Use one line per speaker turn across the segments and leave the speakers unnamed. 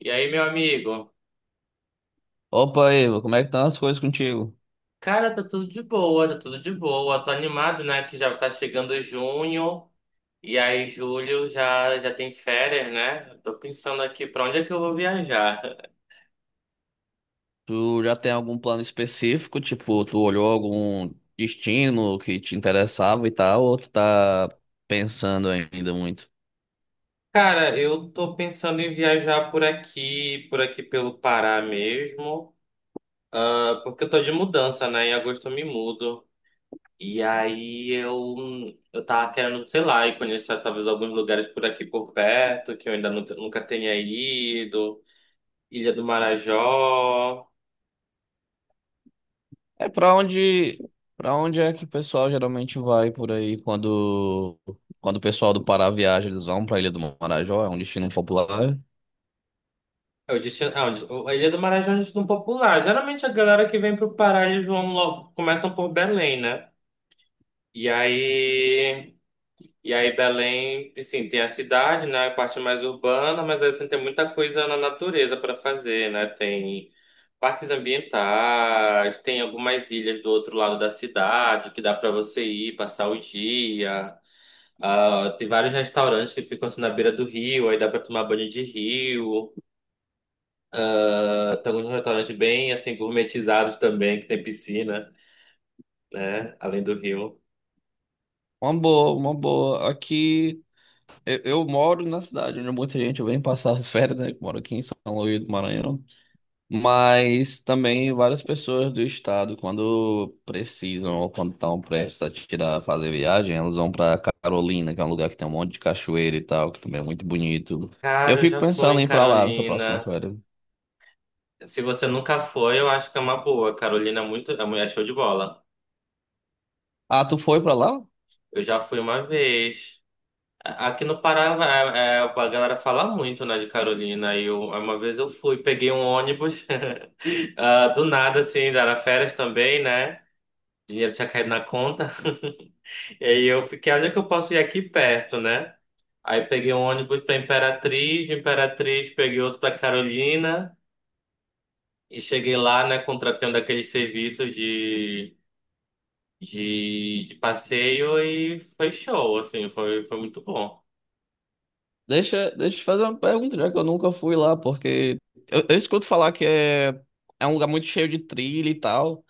E aí, meu amigo?
Opa, Ivo, como é que estão as coisas contigo?
Cara, tá tudo de boa, tá tudo de boa. Tô animado, né? Que já tá chegando junho. E aí, julho já tem férias, né? Tô pensando aqui pra onde é que eu vou viajar.
Tu já tem algum plano específico? Tipo, tu olhou algum destino que te interessava e tal, ou tu tá pensando ainda muito?
Cara, eu tô pensando em viajar por aqui, pelo Pará mesmo. Ah, porque eu tô de mudança, né? Em agosto eu me mudo. E aí eu tava querendo, sei lá, ir conhecer talvez alguns lugares por aqui por perto, que eu ainda nunca tenha ido. Ilha do Marajó.
É pra onde, para onde é que o pessoal geralmente vai por aí quando o pessoal do Pará viaja, eles vão pra Ilha do Marajó, é um destino popular.
Eu disse, ah, a Ilha do Marajó é um destino popular. Geralmente a galera que vem pro Pará, eles vão logo, começam por Belém, né? E aí, e aí Belém, assim, tem a cidade, né, a parte mais urbana, mas assim tem muita coisa na natureza para fazer, né? Tem parques ambientais, tem algumas ilhas do outro lado da cidade que dá para você ir passar o dia. Ah, tem vários restaurantes que ficam assim na beira do rio, aí dá para tomar banho de rio. Ah, estamos num restaurante bem assim gourmetizado também, que tem piscina, né? Além do rio.
Uma boa, uma boa. Aqui eu moro na cidade onde muita gente vem passar as férias, né? Que moro aqui em São Luís do Maranhão. Mas também várias pessoas do estado, quando precisam ou quando estão prestes a tirar, fazer viagem, elas vão para Carolina, que é um lugar que tem um monte de cachoeira e tal, que também é muito bonito. Eu
Cara, eu
fico
já fui
pensando
em
em ir para lá nessa próxima
Carolina.
férias.
Se você nunca foi, eu acho que é uma boa. Carolina é muito, é mulher show de bola.
Ah, tu foi para lá?
Eu já fui uma vez. Aqui no Pará, a galera fala muito, né, de Carolina. E eu, uma vez eu fui, peguei um ônibus, ah, do nada, assim, era férias também, né? Dinheiro tinha caído na conta. E aí eu fiquei, olha que eu posso ir aqui perto, né? Aí peguei um ônibus para Imperatriz, de Imperatriz peguei outro para Carolina e cheguei lá, né, contratando aqueles serviços de passeio e foi show, assim, foi muito bom.
Deixa, deixa eu te fazer uma pergunta, já que eu nunca fui lá, porque eu escuto falar que é, é um lugar muito cheio de trilha e tal.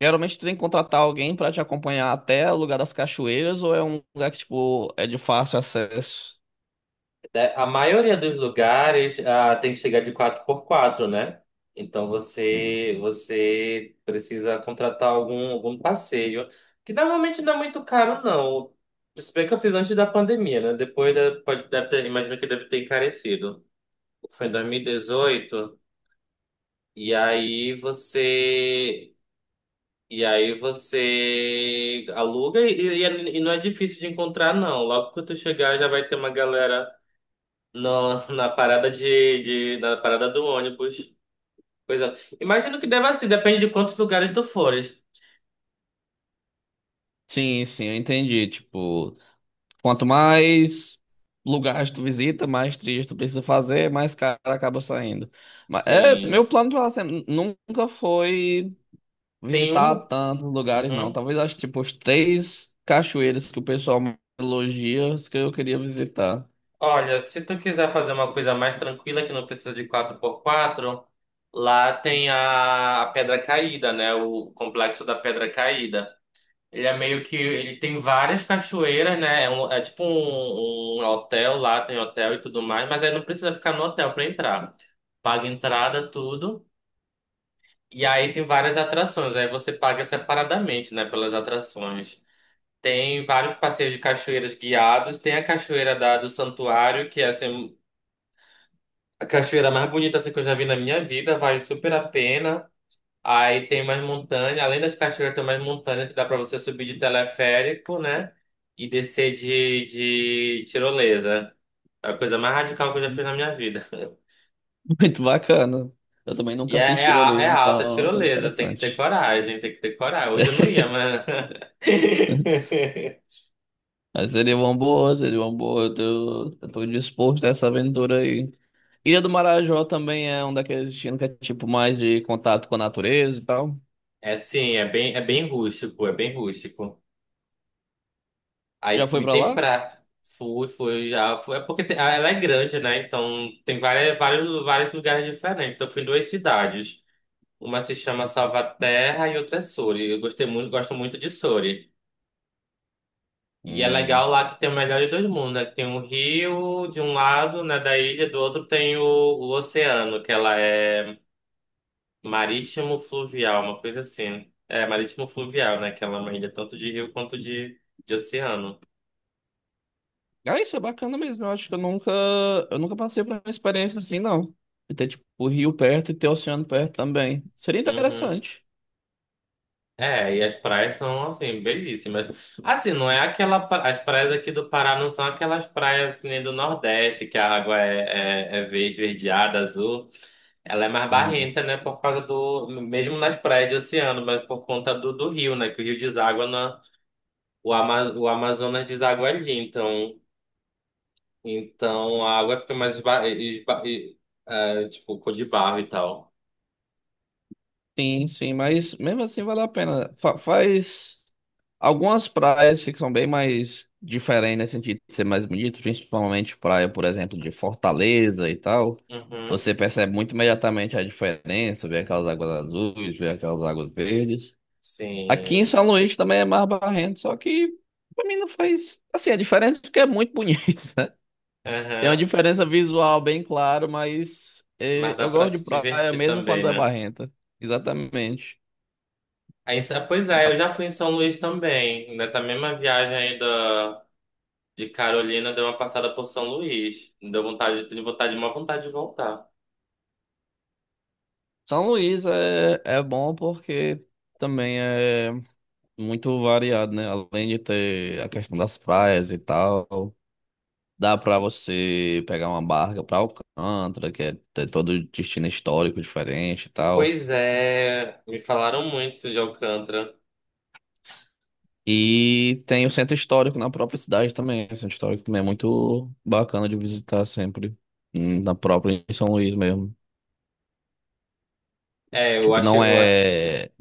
Geralmente tu tem que contratar alguém para te acompanhar até o lugar das cachoeiras, ou é um lugar que, tipo, é de fácil acesso?
É, a maioria dos lugares ah, tem que chegar de quatro por quatro, né? Então você precisa contratar algum passeio, que normalmente não é muito caro, não. Se bem que eu fiz antes da pandemia, né? Depois da, imagino que deve ter encarecido. Foi em 2018 e aí você. E aí você aluga e não é difícil de encontrar, não. Logo que tu chegar, já vai ter uma galera no, na parada na parada do ônibus. Pois é. Imagino que deva ser, depende de quantos lugares tu fores.
Sim, sim, eu entendi. Tipo, quanto mais lugares tu visita, mais trilhas tu precisa fazer, mais caro acaba saindo. Mas é, meu
Sim.
plano pra sempre nunca foi
Tem
visitar
um.
tantos lugares, não.
Uhum.
Talvez acho tipo os três cachoeiras que o pessoal mais elogia, as que eu queria visitar.
Olha, se tu quiser fazer uma coisa mais tranquila que não precisa de quatro por quatro, lá tem a Pedra Caída, né? O complexo da Pedra Caída. Ele é meio que. Ele tem várias cachoeiras, né? É, é tipo um hotel lá, tem hotel e tudo mais, mas aí não precisa ficar no hotel pra entrar. Paga entrada, tudo. E aí tem várias atrações, aí você paga separadamente, né, pelas atrações. Tem vários passeios de cachoeiras guiados, tem a cachoeira do Santuário, que é assim, a cachoeira mais bonita assim, que eu já vi na minha vida, vale super a pena. Aí tem mais montanha, além das cachoeiras tem mais montanha que dá pra você subir de teleférico, né, e descer de, tirolesa. É a coisa mais radical que eu já fiz na minha vida.
Muito bacana. Eu também
E
nunca fiz
é
tirolesa,
alta
então seria
tirolesa, tem que ter
interessante.
coragem, tem que ter coragem. Hoje eu não ia, mas.
Mas seria uma boa, seria uma boa. Eu tô disposto a essa aventura aí. Ilha do Marajó também é um daqueles destinos que é tipo mais de contato com a natureza e tal.
É sim, é bem rústico, é bem rústico.
Já
Aí
foi
me
pra
tem
lá?
pra. Fui, fui, já fui. É porque ela é grande, né? Então tem várias, vários lugares diferentes. Eu fui em duas cidades. Uma se chama Salvaterra e outra é Sori. Eu gostei muito, gosto muito de Sori. E é
Hum.
legal lá que tem o melhor de dois mundos, né? Que tem o rio de um lado, né, da ilha, do outro tem o oceano, que ela é marítimo fluvial, uma coisa assim. É, marítimo fluvial, né? Que ela é uma ilha tanto de rio quanto de oceano.
Ah, isso é bacana mesmo. Eu acho que eu nunca passei por uma experiência assim, não. E ter tipo o rio perto e ter o oceano perto também. Seria
Uhum.
interessante.
É, e as praias são, assim, belíssimas. Assim, não é aquela. As praias aqui do Pará não são aquelas praias que nem do Nordeste, que a água é, é verde, verdeada, azul. Ela é mais
Hum.
barrenta, né? Por causa do. Mesmo nas praias de oceano, mas por conta do rio, né? Que o rio deságua na. O Amazonas deságua ali. Então, então a água fica mais. É, tipo, cor de barro e tal.
Sim, sim, mas mesmo assim vale a pena. Fa- faz. Algumas praias que são bem mais diferentes nesse sentido de ser mais bonito, principalmente praia, por exemplo, de Fortaleza e tal.
Uhum.
Você percebe muito imediatamente a diferença, vê aquelas águas azuis, vê aquelas águas verdes. Aqui em
Sim.
São Luís também é mais barrento, só que pra mim não faz. Assim, a diferença é porque é muito bonita. Tem uma
Aham.
diferença visual bem clara, mas
Mas dá
eu
pra
gosto de
se
praia
divertir
mesmo
também,
quando é
né?
barrenta. Exatamente.
Aí, pois é, eu já fui em São Luís também. Nessa mesma viagem aí de Carolina deu uma passada por São Luís. Me deu vontade, tenho vontade, uma vontade de voltar.
São Luís é, é bom porque também é. Muito variado, né? Além de ter a questão das praias e tal, dá pra você pegar uma barca pra Alcântara, que é tem todo o destino histórico diferente e tal.
Pois é, me falaram muito de Alcântara.
E tem o centro histórico na própria cidade também. O centro histórico também é muito bacana de visitar sempre, na própria em São Luís mesmo. Tipo,
Eu acho.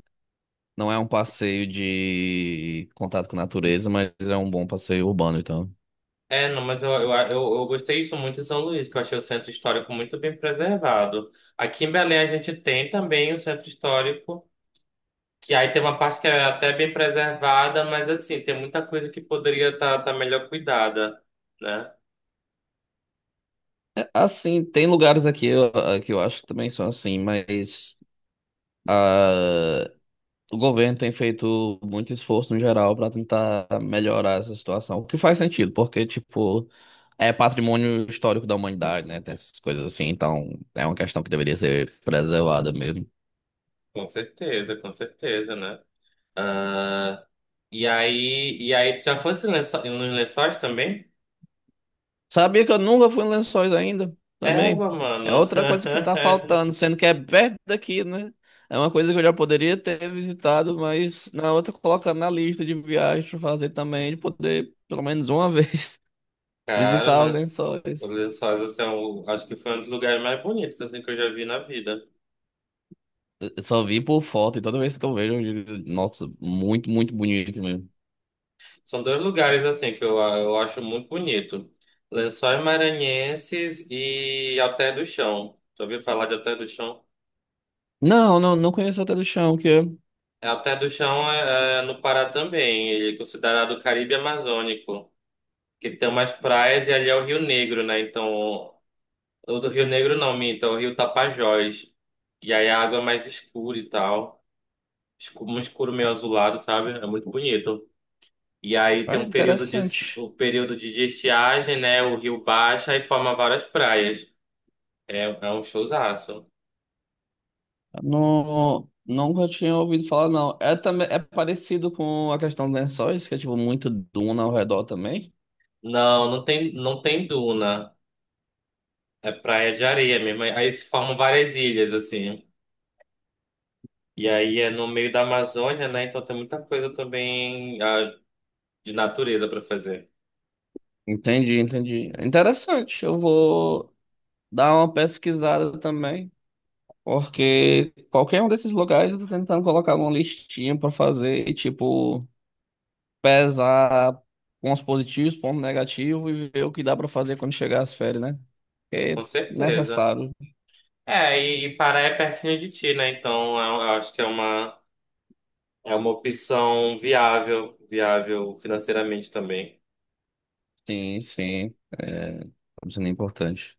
não é um passeio de contato com a natureza, mas é um bom passeio urbano, então.
É, não, mas eu gostei isso muito em São Luís, que eu achei o centro histórico muito bem preservado. Aqui em Belém a gente tem também o centro histórico, que aí tem uma parte que é até bem preservada, mas assim, tem muita coisa que poderia estar melhor cuidada, né?
É, assim, tem lugares aqui eu- ah, que eu acho que também são assim, mas ah, o governo tem feito muito esforço no geral para tentar melhorar essa situação, o que faz sentido, porque, tipo, é patrimônio histórico da humanidade, né? Tem essas coisas assim, então é uma questão que deveria ser preservada mesmo.
Com certeza, né? Ah, e aí, tu já nos lençóis também?
Sabia que eu nunca fui em Lençóis ainda,
Égua,
também. É
mano.
outra coisa que tá faltando, sendo que é perto daqui, né? É uma coisa que eu já poderia ter visitado, mas na outra colocando na lista de viagens pra fazer também, de poder, pelo menos uma vez,
Cara,
visitar os
né? Os
Lençóis.
lençóis, assim, acho que foi um dos lugares mais bonitos, assim, que eu já vi na vida.
Eu só vi por foto e toda vez que eu vejo, eu digo, nossa, muito, muito bonito mesmo.
São dois lugares, assim, que eu acho muito bonito. Lençóis Maranhenses e Alter do Chão. Já ouviu falar de Alter do Chão?
Não, não, não conheço até do chão, que é
É, Alter do Chão é no Pará também. Ele é considerado o Caribe Amazônico. Que tem umas praias e ali é o Rio Negro, né? Então, o do Rio Negro não, minta, o Rio Tapajós. E aí a água é mais escura e tal. Um escuro meio azulado, sabe? É muito bonito. E aí tem
é
um período de,
interessante.
o período de estiagem, né? O rio baixa e forma várias praias. É, é um showzaço.
Não, nunca tinha ouvido falar, não. É também é parecido com a questão dos lençóis, que é tipo muito duna ao redor também.
Não, não tem duna. É praia de areia mesmo. Aí se formam várias ilhas, assim. E aí é no meio da Amazônia, né? Então tem muita coisa também, ah, de natureza pra fazer.
Entendi, entendi. Interessante. Eu vou dar uma pesquisada também, porque qualquer um desses lugares eu tô tentando colocar uma listinha pra fazer e tipo pesar pontos positivos, pontos negativos e ver o que dá pra fazer quando chegar as férias, né? É
Com certeza.
necessário.
É, e Pará é pertinho de ti, né? Então eu acho que é uma opção viável, viável financeiramente também.
Sim, sim. É, isso é importante.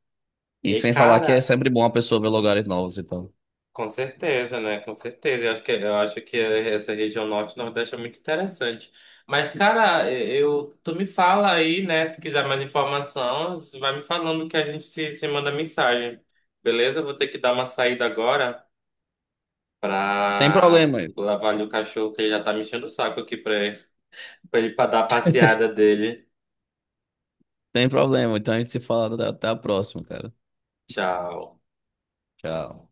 E
E
sem falar que é
cara,
sempre bom a pessoa ver lugares novos e tal.
com certeza, né? Com certeza. Eu acho que essa região norte-nordeste é muito interessante. Mas, cara, eu, tu me fala aí, né? Se quiser mais informação, vai me falando que a gente se manda mensagem. Beleza? Eu vou ter que dar uma saída agora
Sem
pra
problema,
lavar ali o cachorro que ele já tá me enchendo o saco aqui pra pra ele pra dar a passeada dele.
sem problema. Então a gente se fala até a próxima, cara.
Tchau.
Tchau.